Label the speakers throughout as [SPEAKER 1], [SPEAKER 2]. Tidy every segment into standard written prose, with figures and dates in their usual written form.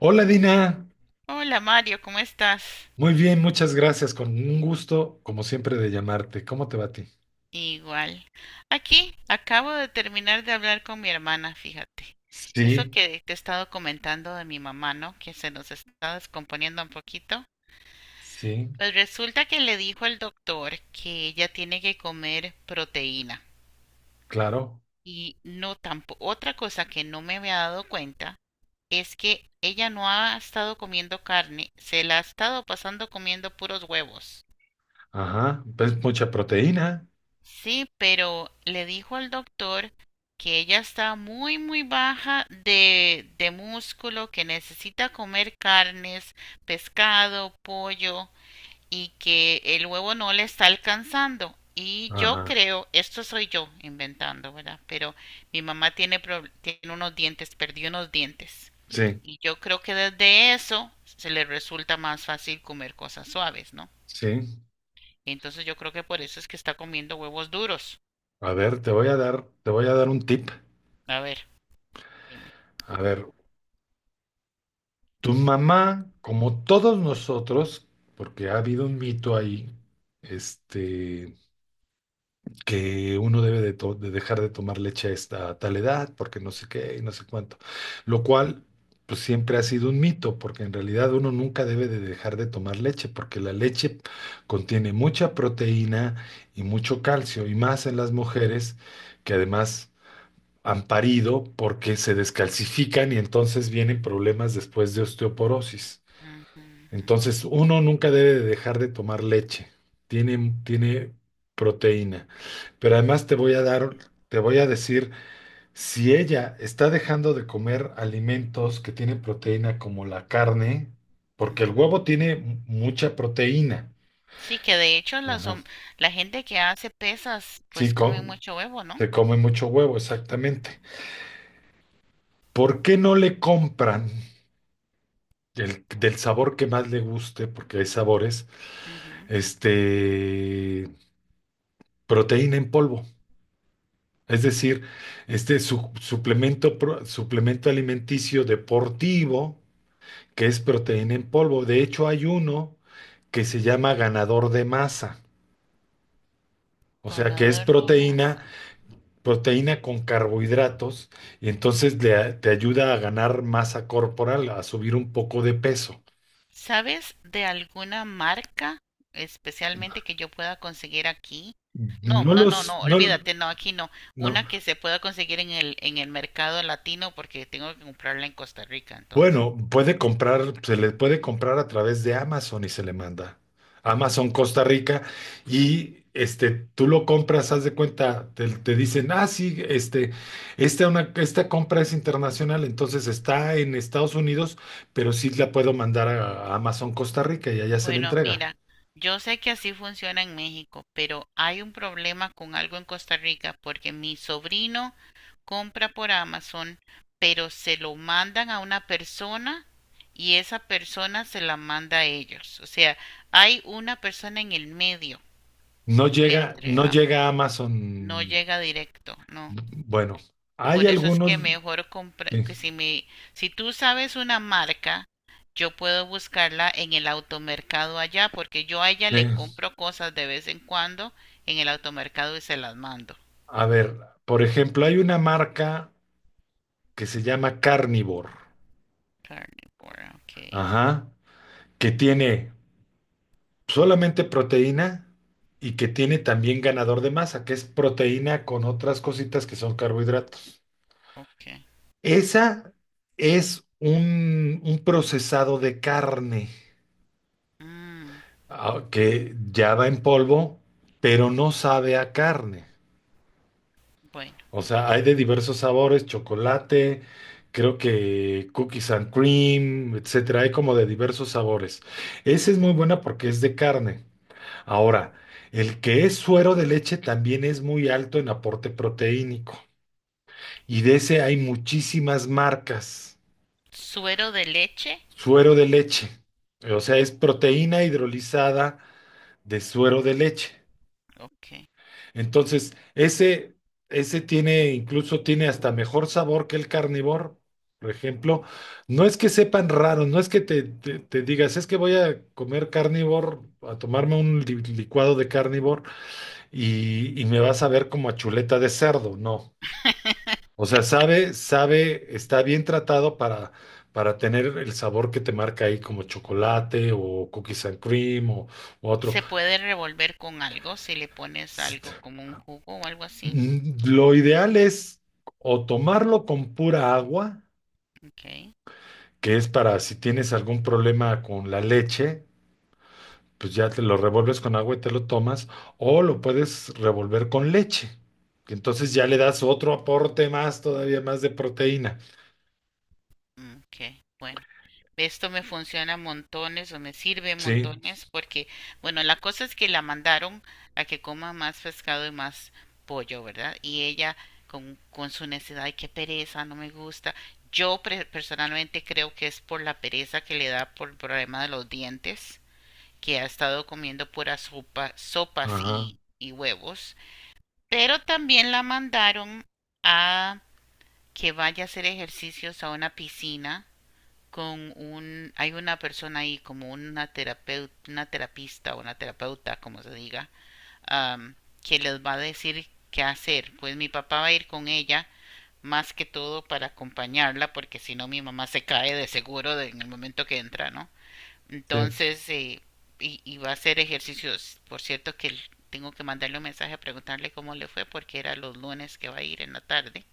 [SPEAKER 1] Hola Dina,
[SPEAKER 2] Hola Mario, ¿cómo estás?
[SPEAKER 1] muy bien, muchas gracias, con un gusto como siempre de llamarte. ¿Cómo te va a ti?
[SPEAKER 2] Igual. Aquí acabo de terminar de hablar con mi hermana, fíjate. Eso
[SPEAKER 1] Sí,
[SPEAKER 2] que te he estado comentando de mi mamá, ¿no? Que se nos está descomponiendo un poquito.
[SPEAKER 1] sí,
[SPEAKER 2] Pues resulta que le dijo el doctor que ella tiene que comer proteína.
[SPEAKER 1] claro.
[SPEAKER 2] Y no tampoco, otra cosa que no me había dado cuenta es que ella no ha estado comiendo carne, se la ha estado pasando comiendo puros huevos.
[SPEAKER 1] Ajá, pues mucha proteína.
[SPEAKER 2] Sí, pero le dijo al doctor que ella está muy, muy baja de músculo, que necesita comer carnes, pescado, pollo y que el huevo no le está alcanzando. Y yo
[SPEAKER 1] Ajá,
[SPEAKER 2] creo, esto soy yo inventando, ¿verdad? Pero mi mamá tiene, tiene unos dientes, perdió unos dientes.
[SPEAKER 1] sí,
[SPEAKER 2] Y yo creo que desde eso se le resulta más fácil comer cosas suaves, ¿no?
[SPEAKER 1] sí.
[SPEAKER 2] Entonces yo creo que por eso es que está comiendo huevos duros.
[SPEAKER 1] A ver, te voy a dar un tip.
[SPEAKER 2] A ver. Dime.
[SPEAKER 1] A ver, tu mamá, como todos nosotros, porque ha habido un mito ahí, este, que uno debe de dejar de tomar leche a esta a tal edad, porque no sé qué y no sé cuánto. Lo cual, pues siempre ha sido un mito, porque en realidad uno nunca debe de dejar de tomar leche, porque la leche contiene mucha proteína y mucho calcio, y más en las mujeres que además han parido porque se descalcifican y entonces vienen problemas después de osteoporosis.
[SPEAKER 2] Ujú,
[SPEAKER 1] Entonces, uno nunca debe de dejar de tomar leche. Tiene proteína. Pero además te voy a dar, te voy a decir, si ella está dejando de comer alimentos que tienen proteína como la carne, porque
[SPEAKER 2] ujú,
[SPEAKER 1] el
[SPEAKER 2] ujú.
[SPEAKER 1] huevo tiene mucha proteína.
[SPEAKER 2] Sí, que de hecho
[SPEAKER 1] Ajá.
[SPEAKER 2] la gente que hace pesas pues
[SPEAKER 1] Sí,
[SPEAKER 2] come mucho huevo, ¿no?
[SPEAKER 1] se come mucho huevo, exactamente. ¿Por qué no le compran del sabor que más le guste, porque hay sabores,
[SPEAKER 2] Ujú.
[SPEAKER 1] este, proteína en polvo? Es decir, suplemento, suplemento alimenticio deportivo, que es proteína en polvo. De hecho, hay uno que se llama ganador de masa, o sea, que es
[SPEAKER 2] Conador de masa.
[SPEAKER 1] proteína con carbohidratos, y entonces te ayuda a ganar masa corporal, a subir un poco de peso.
[SPEAKER 2] ¿Sabes de alguna marca especialmente que yo pueda conseguir aquí? No,
[SPEAKER 1] No
[SPEAKER 2] no, no,
[SPEAKER 1] los,
[SPEAKER 2] no,
[SPEAKER 1] no,
[SPEAKER 2] olvídate, no, aquí no.
[SPEAKER 1] no.
[SPEAKER 2] Una que se pueda conseguir en el mercado latino porque tengo que comprarla en Costa Rica, entonces.
[SPEAKER 1] Bueno, puede comprar, se le puede comprar a través de Amazon y se le manda. Amazon Costa Rica y tú lo compras, haz de cuenta, te dicen, ah, sí, esta compra es internacional, entonces está en Estados Unidos, pero sí la puedo mandar a Amazon Costa Rica y allá se le
[SPEAKER 2] Bueno,
[SPEAKER 1] entrega.
[SPEAKER 2] mira, yo sé que así funciona en México, pero hay un problema con algo en Costa Rica porque mi sobrino compra por Amazon, pero se lo mandan a una persona y esa persona se la manda a ellos. O sea, hay una persona en el medio
[SPEAKER 1] No llega,
[SPEAKER 2] entre,
[SPEAKER 1] no llega a
[SPEAKER 2] no
[SPEAKER 1] Amazon.
[SPEAKER 2] llega directo, ¿no?
[SPEAKER 1] Bueno, hay
[SPEAKER 2] Por eso es que
[SPEAKER 1] algunos,
[SPEAKER 2] mejor comprar,
[SPEAKER 1] sí,
[SPEAKER 2] que si tú sabes una marca, yo puedo buscarla en el automercado allá, porque yo a ella le
[SPEAKER 1] sí.
[SPEAKER 2] compro cosas de vez en cuando en el automercado y se las mando.
[SPEAKER 1] A ver, por ejemplo, hay una marca que se llama Carnivore,
[SPEAKER 2] Carnivora, ok,
[SPEAKER 1] ajá, que tiene solamente proteína y que tiene también ganador de masa, que es proteína con otras cositas que son carbohidratos.
[SPEAKER 2] ok.
[SPEAKER 1] Esa es un procesado de carne,
[SPEAKER 2] Mm,
[SPEAKER 1] ah, que ya va en polvo, pero no sabe a carne.
[SPEAKER 2] bueno,
[SPEAKER 1] O sea, hay de diversos sabores, chocolate, creo que cookies and cream, etcétera. Hay como de diversos sabores. Esa es muy buena porque es de carne. Ahora, el que es suero de leche también es muy alto en aporte proteínico y de ese hay muchísimas marcas.
[SPEAKER 2] suero de leche,
[SPEAKER 1] Suero de leche, o sea, es proteína hidrolizada de suero de leche.
[SPEAKER 2] ok.
[SPEAKER 1] Entonces, ese tiene, incluso tiene hasta mejor sabor que el carnívoro. Por ejemplo, no es que sepan raro, no es que te digas, es que voy a comer carnívoro, a tomarme un licuado de carnívoro y me vas a ver como a chuleta de cerdo, no. O sea, sabe, está bien tratado para tener el sabor que te marca ahí como chocolate o cookies and cream o otro.
[SPEAKER 2] Se puede revolver con algo, si le pones
[SPEAKER 1] S-
[SPEAKER 2] algo como un jugo o algo así,
[SPEAKER 1] Lo ideal es o tomarlo con pura agua,
[SPEAKER 2] ok,
[SPEAKER 1] que es para si tienes algún problema con la leche, pues ya te lo revuelves con agua y te lo tomas, o lo puedes revolver con leche, que entonces ya le das otro aporte más, todavía más de proteína.
[SPEAKER 2] ok, bueno. Esto me funciona montones o me sirve
[SPEAKER 1] Sí,
[SPEAKER 2] montones porque, bueno, la cosa es que la mandaron a que coma más pescado y más pollo, ¿verdad? Y ella con su necesidad, ay, qué pereza, no me gusta. Personalmente creo que es por la pereza que le da por el problema de los dientes, que ha estado comiendo puras sopas
[SPEAKER 1] ajá,
[SPEAKER 2] y huevos. Pero también la mandaron a que vaya a hacer ejercicios a una piscina con hay una persona ahí como una terapeuta, una terapista o una terapeuta, como se diga, am, que les va a decir qué hacer. Pues mi papá va a ir con ella más que todo para acompañarla, porque si no mi mamá se cae de seguro en el momento que entra, ¿no?
[SPEAKER 1] sí,
[SPEAKER 2] Entonces, y va a hacer ejercicios. Por cierto que tengo que mandarle un mensaje a preguntarle cómo le fue, porque era los lunes que va a ir en la tarde,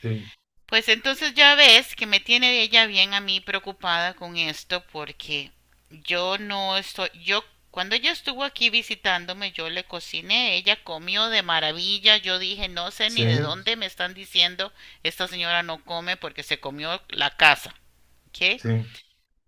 [SPEAKER 1] sí,
[SPEAKER 2] pues entonces ya ves que me tiene ella bien a mí preocupada con esto porque yo no estoy, yo cuando ella estuvo aquí visitándome yo le cociné, ella comió de maravilla. Yo dije, no sé
[SPEAKER 1] sí,
[SPEAKER 2] ni de dónde me están diciendo, esta señora no come porque se comió la casa, ¿ok?
[SPEAKER 1] sí,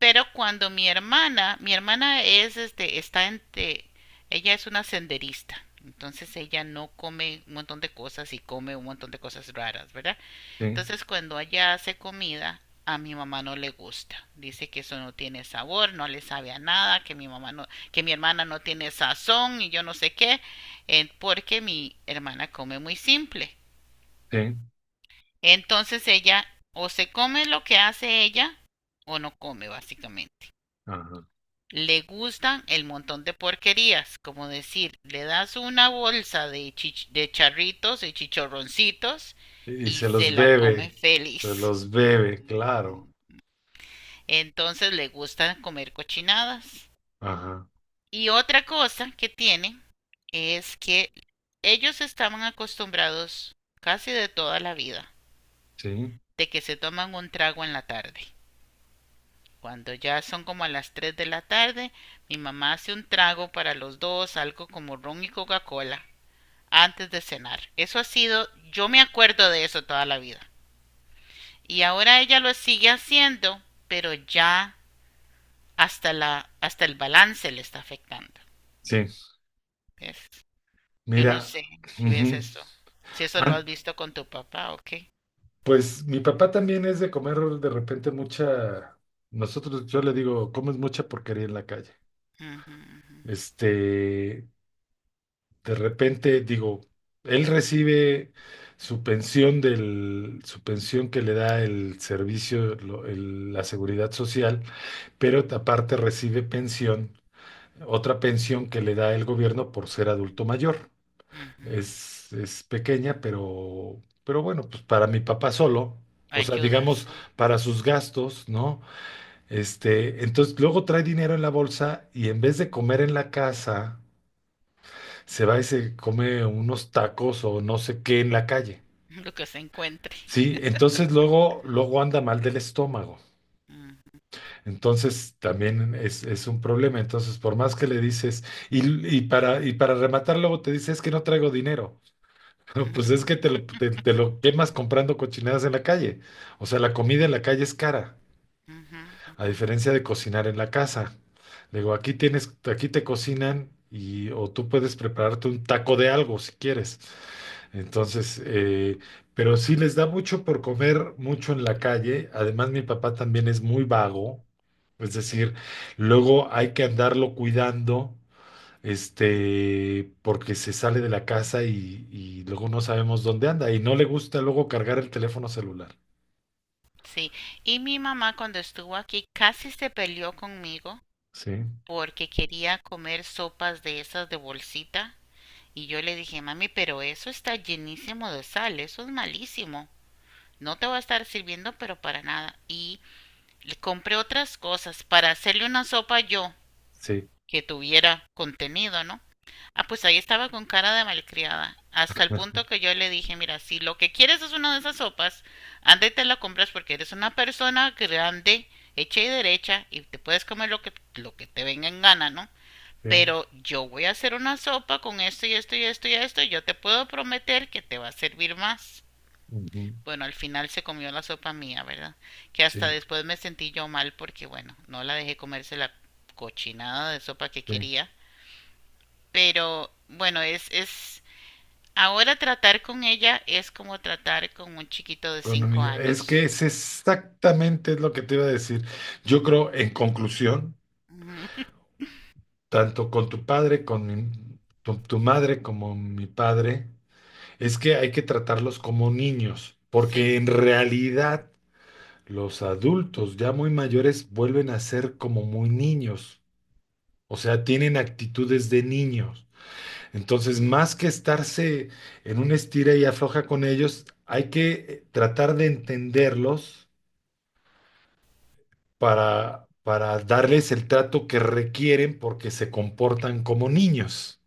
[SPEAKER 2] Pero cuando mi hermana es está entre, ella es una senderista, entonces ella no come un montón de cosas y come un montón de cosas raras, ¿verdad?
[SPEAKER 1] sí,
[SPEAKER 2] Entonces cuando allá hace comida, a mi mamá no le gusta. Dice que eso no tiene sabor, no le sabe a nada, que mi mamá no, que mi hermana no tiene sazón y yo no sé qué, porque mi hermana come muy simple.
[SPEAKER 1] sí,
[SPEAKER 2] Entonces ella o se come lo que hace ella o no come básicamente.
[SPEAKER 1] ajá.
[SPEAKER 2] Le gustan el montón de porquerías, como decir, le das una bolsa de charritos y chichorroncitos
[SPEAKER 1] Y
[SPEAKER 2] y se la come
[SPEAKER 1] se
[SPEAKER 2] feliz.
[SPEAKER 1] los bebe,
[SPEAKER 2] Ujú,
[SPEAKER 1] claro,
[SPEAKER 2] ujú. Entonces le gusta comer cochinadas.
[SPEAKER 1] ajá,
[SPEAKER 2] Y otra cosa que tiene es que ellos estaban acostumbrados casi de toda la vida
[SPEAKER 1] sí,
[SPEAKER 2] de que se toman un trago en la tarde. Cuando ya son como a las 3 de la tarde, mi mamá hace un trago para los dos, algo como ron y Coca-Cola, antes de cenar. Eso ha sido, yo me acuerdo de eso toda la vida. Y ahora ella lo sigue haciendo, pero ya hasta el balance le está afectando.
[SPEAKER 1] sí.
[SPEAKER 2] ¿Ves? Yo no
[SPEAKER 1] Mira,
[SPEAKER 2] sé si ves
[SPEAKER 1] ujú.
[SPEAKER 2] esto, si eso lo
[SPEAKER 1] Ah,
[SPEAKER 2] has visto con tu papá o qué.
[SPEAKER 1] pues mi papá también es de comer de repente mucha, nosotros, yo le digo, comes mucha porquería en la calle.
[SPEAKER 2] Ujú, ujú,
[SPEAKER 1] Este, De repente, digo, él recibe su pensión su pensión que le da el servicio, la seguridad social, pero aparte recibe pensión, otra pensión que le da el gobierno por ser adulto mayor.
[SPEAKER 2] ujú.
[SPEAKER 1] Es pequeña, pero bueno, pues para mi papá solo, o sea,
[SPEAKER 2] Ayuda,
[SPEAKER 1] digamos,
[SPEAKER 2] sí.
[SPEAKER 1] para sus gastos, ¿no? Entonces luego trae dinero en la bolsa y en vez de comer en la casa se va y se come unos tacos o no sé qué en la calle.
[SPEAKER 2] Lo que se encuentre.
[SPEAKER 1] Sí, entonces luego anda mal del estómago.
[SPEAKER 2] Ujú,
[SPEAKER 1] Entonces también es un problema. Entonces, por más que le dices, y para rematar, luego te dices, es que no traigo dinero. No, pues es que te lo quemas comprando cochinadas en la calle. O sea, la comida en la calle es cara,
[SPEAKER 2] ujú,
[SPEAKER 1] a
[SPEAKER 2] ujú.
[SPEAKER 1] diferencia de cocinar en la casa. Le digo, aquí tienes, aquí te cocinan y o tú puedes prepararte un taco de algo si quieres. Entonces, pero sí les da mucho por comer mucho en la calle. Además, mi papá también es muy vago, es decir, luego hay que andarlo cuidando, porque se sale de la casa y luego no sabemos dónde anda y no le gusta luego cargar el teléfono celular.
[SPEAKER 2] Sí, y mi mamá cuando estuvo aquí casi se peleó conmigo
[SPEAKER 1] Sí,
[SPEAKER 2] porque quería comer sopas de esas de bolsita y yo le dije, mami, pero eso está llenísimo de sal, eso es malísimo. No te va a estar sirviendo, pero para nada. Y le compré otras cosas para hacerle una sopa yo
[SPEAKER 1] sí,
[SPEAKER 2] que tuviera contenido, ¿no? Ah, pues ahí estaba con cara de malcriada, hasta el punto que yo le dije, mira, si lo que quieres es una de esas sopas, anda y te la compras porque eres una persona grande, hecha y derecha, y te puedes comer lo que te venga en gana, ¿no?
[SPEAKER 1] sí,
[SPEAKER 2] Pero yo voy a hacer una sopa con esto y esto y esto y esto, y yo te puedo prometer que te va a servir más.
[SPEAKER 1] ujú,
[SPEAKER 2] Bueno, al final se comió la sopa mía, ¿verdad? Que hasta
[SPEAKER 1] sí,
[SPEAKER 2] después me sentí yo mal porque, bueno, no la dejé comerse la cochinada de sopa que
[SPEAKER 1] sí.
[SPEAKER 2] quería, pero bueno, ahora tratar con ella es como tratar con un chiquito de
[SPEAKER 1] Con un
[SPEAKER 2] cinco
[SPEAKER 1] niño. Es que
[SPEAKER 2] años.
[SPEAKER 1] es exactamente lo que te iba a decir. Yo creo, en conclusión,
[SPEAKER 2] Ujú.
[SPEAKER 1] tanto con tu padre, con tu madre como mi padre, es que hay que tratarlos como niños,
[SPEAKER 2] Sí,
[SPEAKER 1] porque en realidad los adultos ya muy mayores vuelven a ser como muy niños, o sea, tienen actitudes de niños. Entonces, más que estarse en un estira y afloja con ellos, hay que tratar de entenderlos para darles el trato que requieren porque se comportan como niños.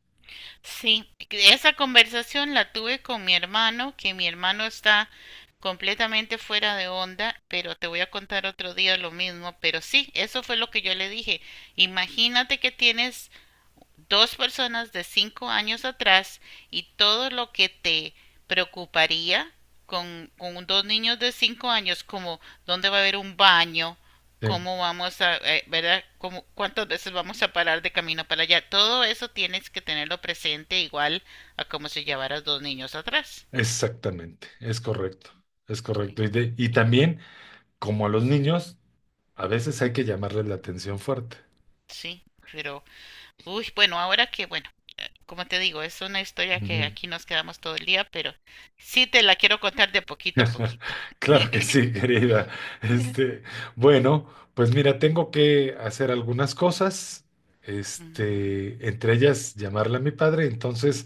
[SPEAKER 2] sí, esa conversación la tuve con mi hermano, que mi hermano está completamente fuera de onda, pero te voy a contar otro día lo mismo, pero sí, eso fue lo que yo le dije. Imagínate que tienes dos personas de 5 años atrás y todo lo que te preocuparía con dos niños de 5 años, como dónde va a haber un baño,
[SPEAKER 1] ¿Sí?
[SPEAKER 2] cómo vamos a, ¿verdad? Cómo, cuántas veces vamos a parar de camino para allá. Todo eso tienes que tenerlo presente igual a como si llevaras dos niños atrás.
[SPEAKER 1] Exactamente, es correcto, es
[SPEAKER 2] Sí,
[SPEAKER 1] correcto. Y, y también, como a los niños, a veces hay que llamarles la atención fuerte.
[SPEAKER 2] sí, pero uy, bueno, ahora que, bueno, como te digo, es una historia que
[SPEAKER 1] Ujú.
[SPEAKER 2] aquí nos quedamos todo el día, pero sí te la quiero contar de poquito a poquito.
[SPEAKER 1] Claro que sí, querida. Este, bueno, pues mira, tengo que hacer algunas cosas,
[SPEAKER 2] Ujú.
[SPEAKER 1] entre ellas llamarle a mi padre. Entonces,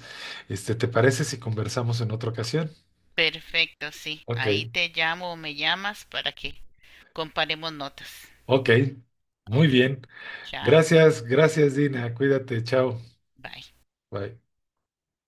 [SPEAKER 1] ¿te parece si conversamos en otra ocasión?
[SPEAKER 2] Perfecto, sí.
[SPEAKER 1] Ok,
[SPEAKER 2] Ahí te llamo o me llamas para que comparemos notas.
[SPEAKER 1] ok, muy
[SPEAKER 2] Ok,
[SPEAKER 1] bien.
[SPEAKER 2] chao,
[SPEAKER 1] Gracias, gracias, Dina. Cuídate, chao.
[SPEAKER 2] bye.
[SPEAKER 1] Bye.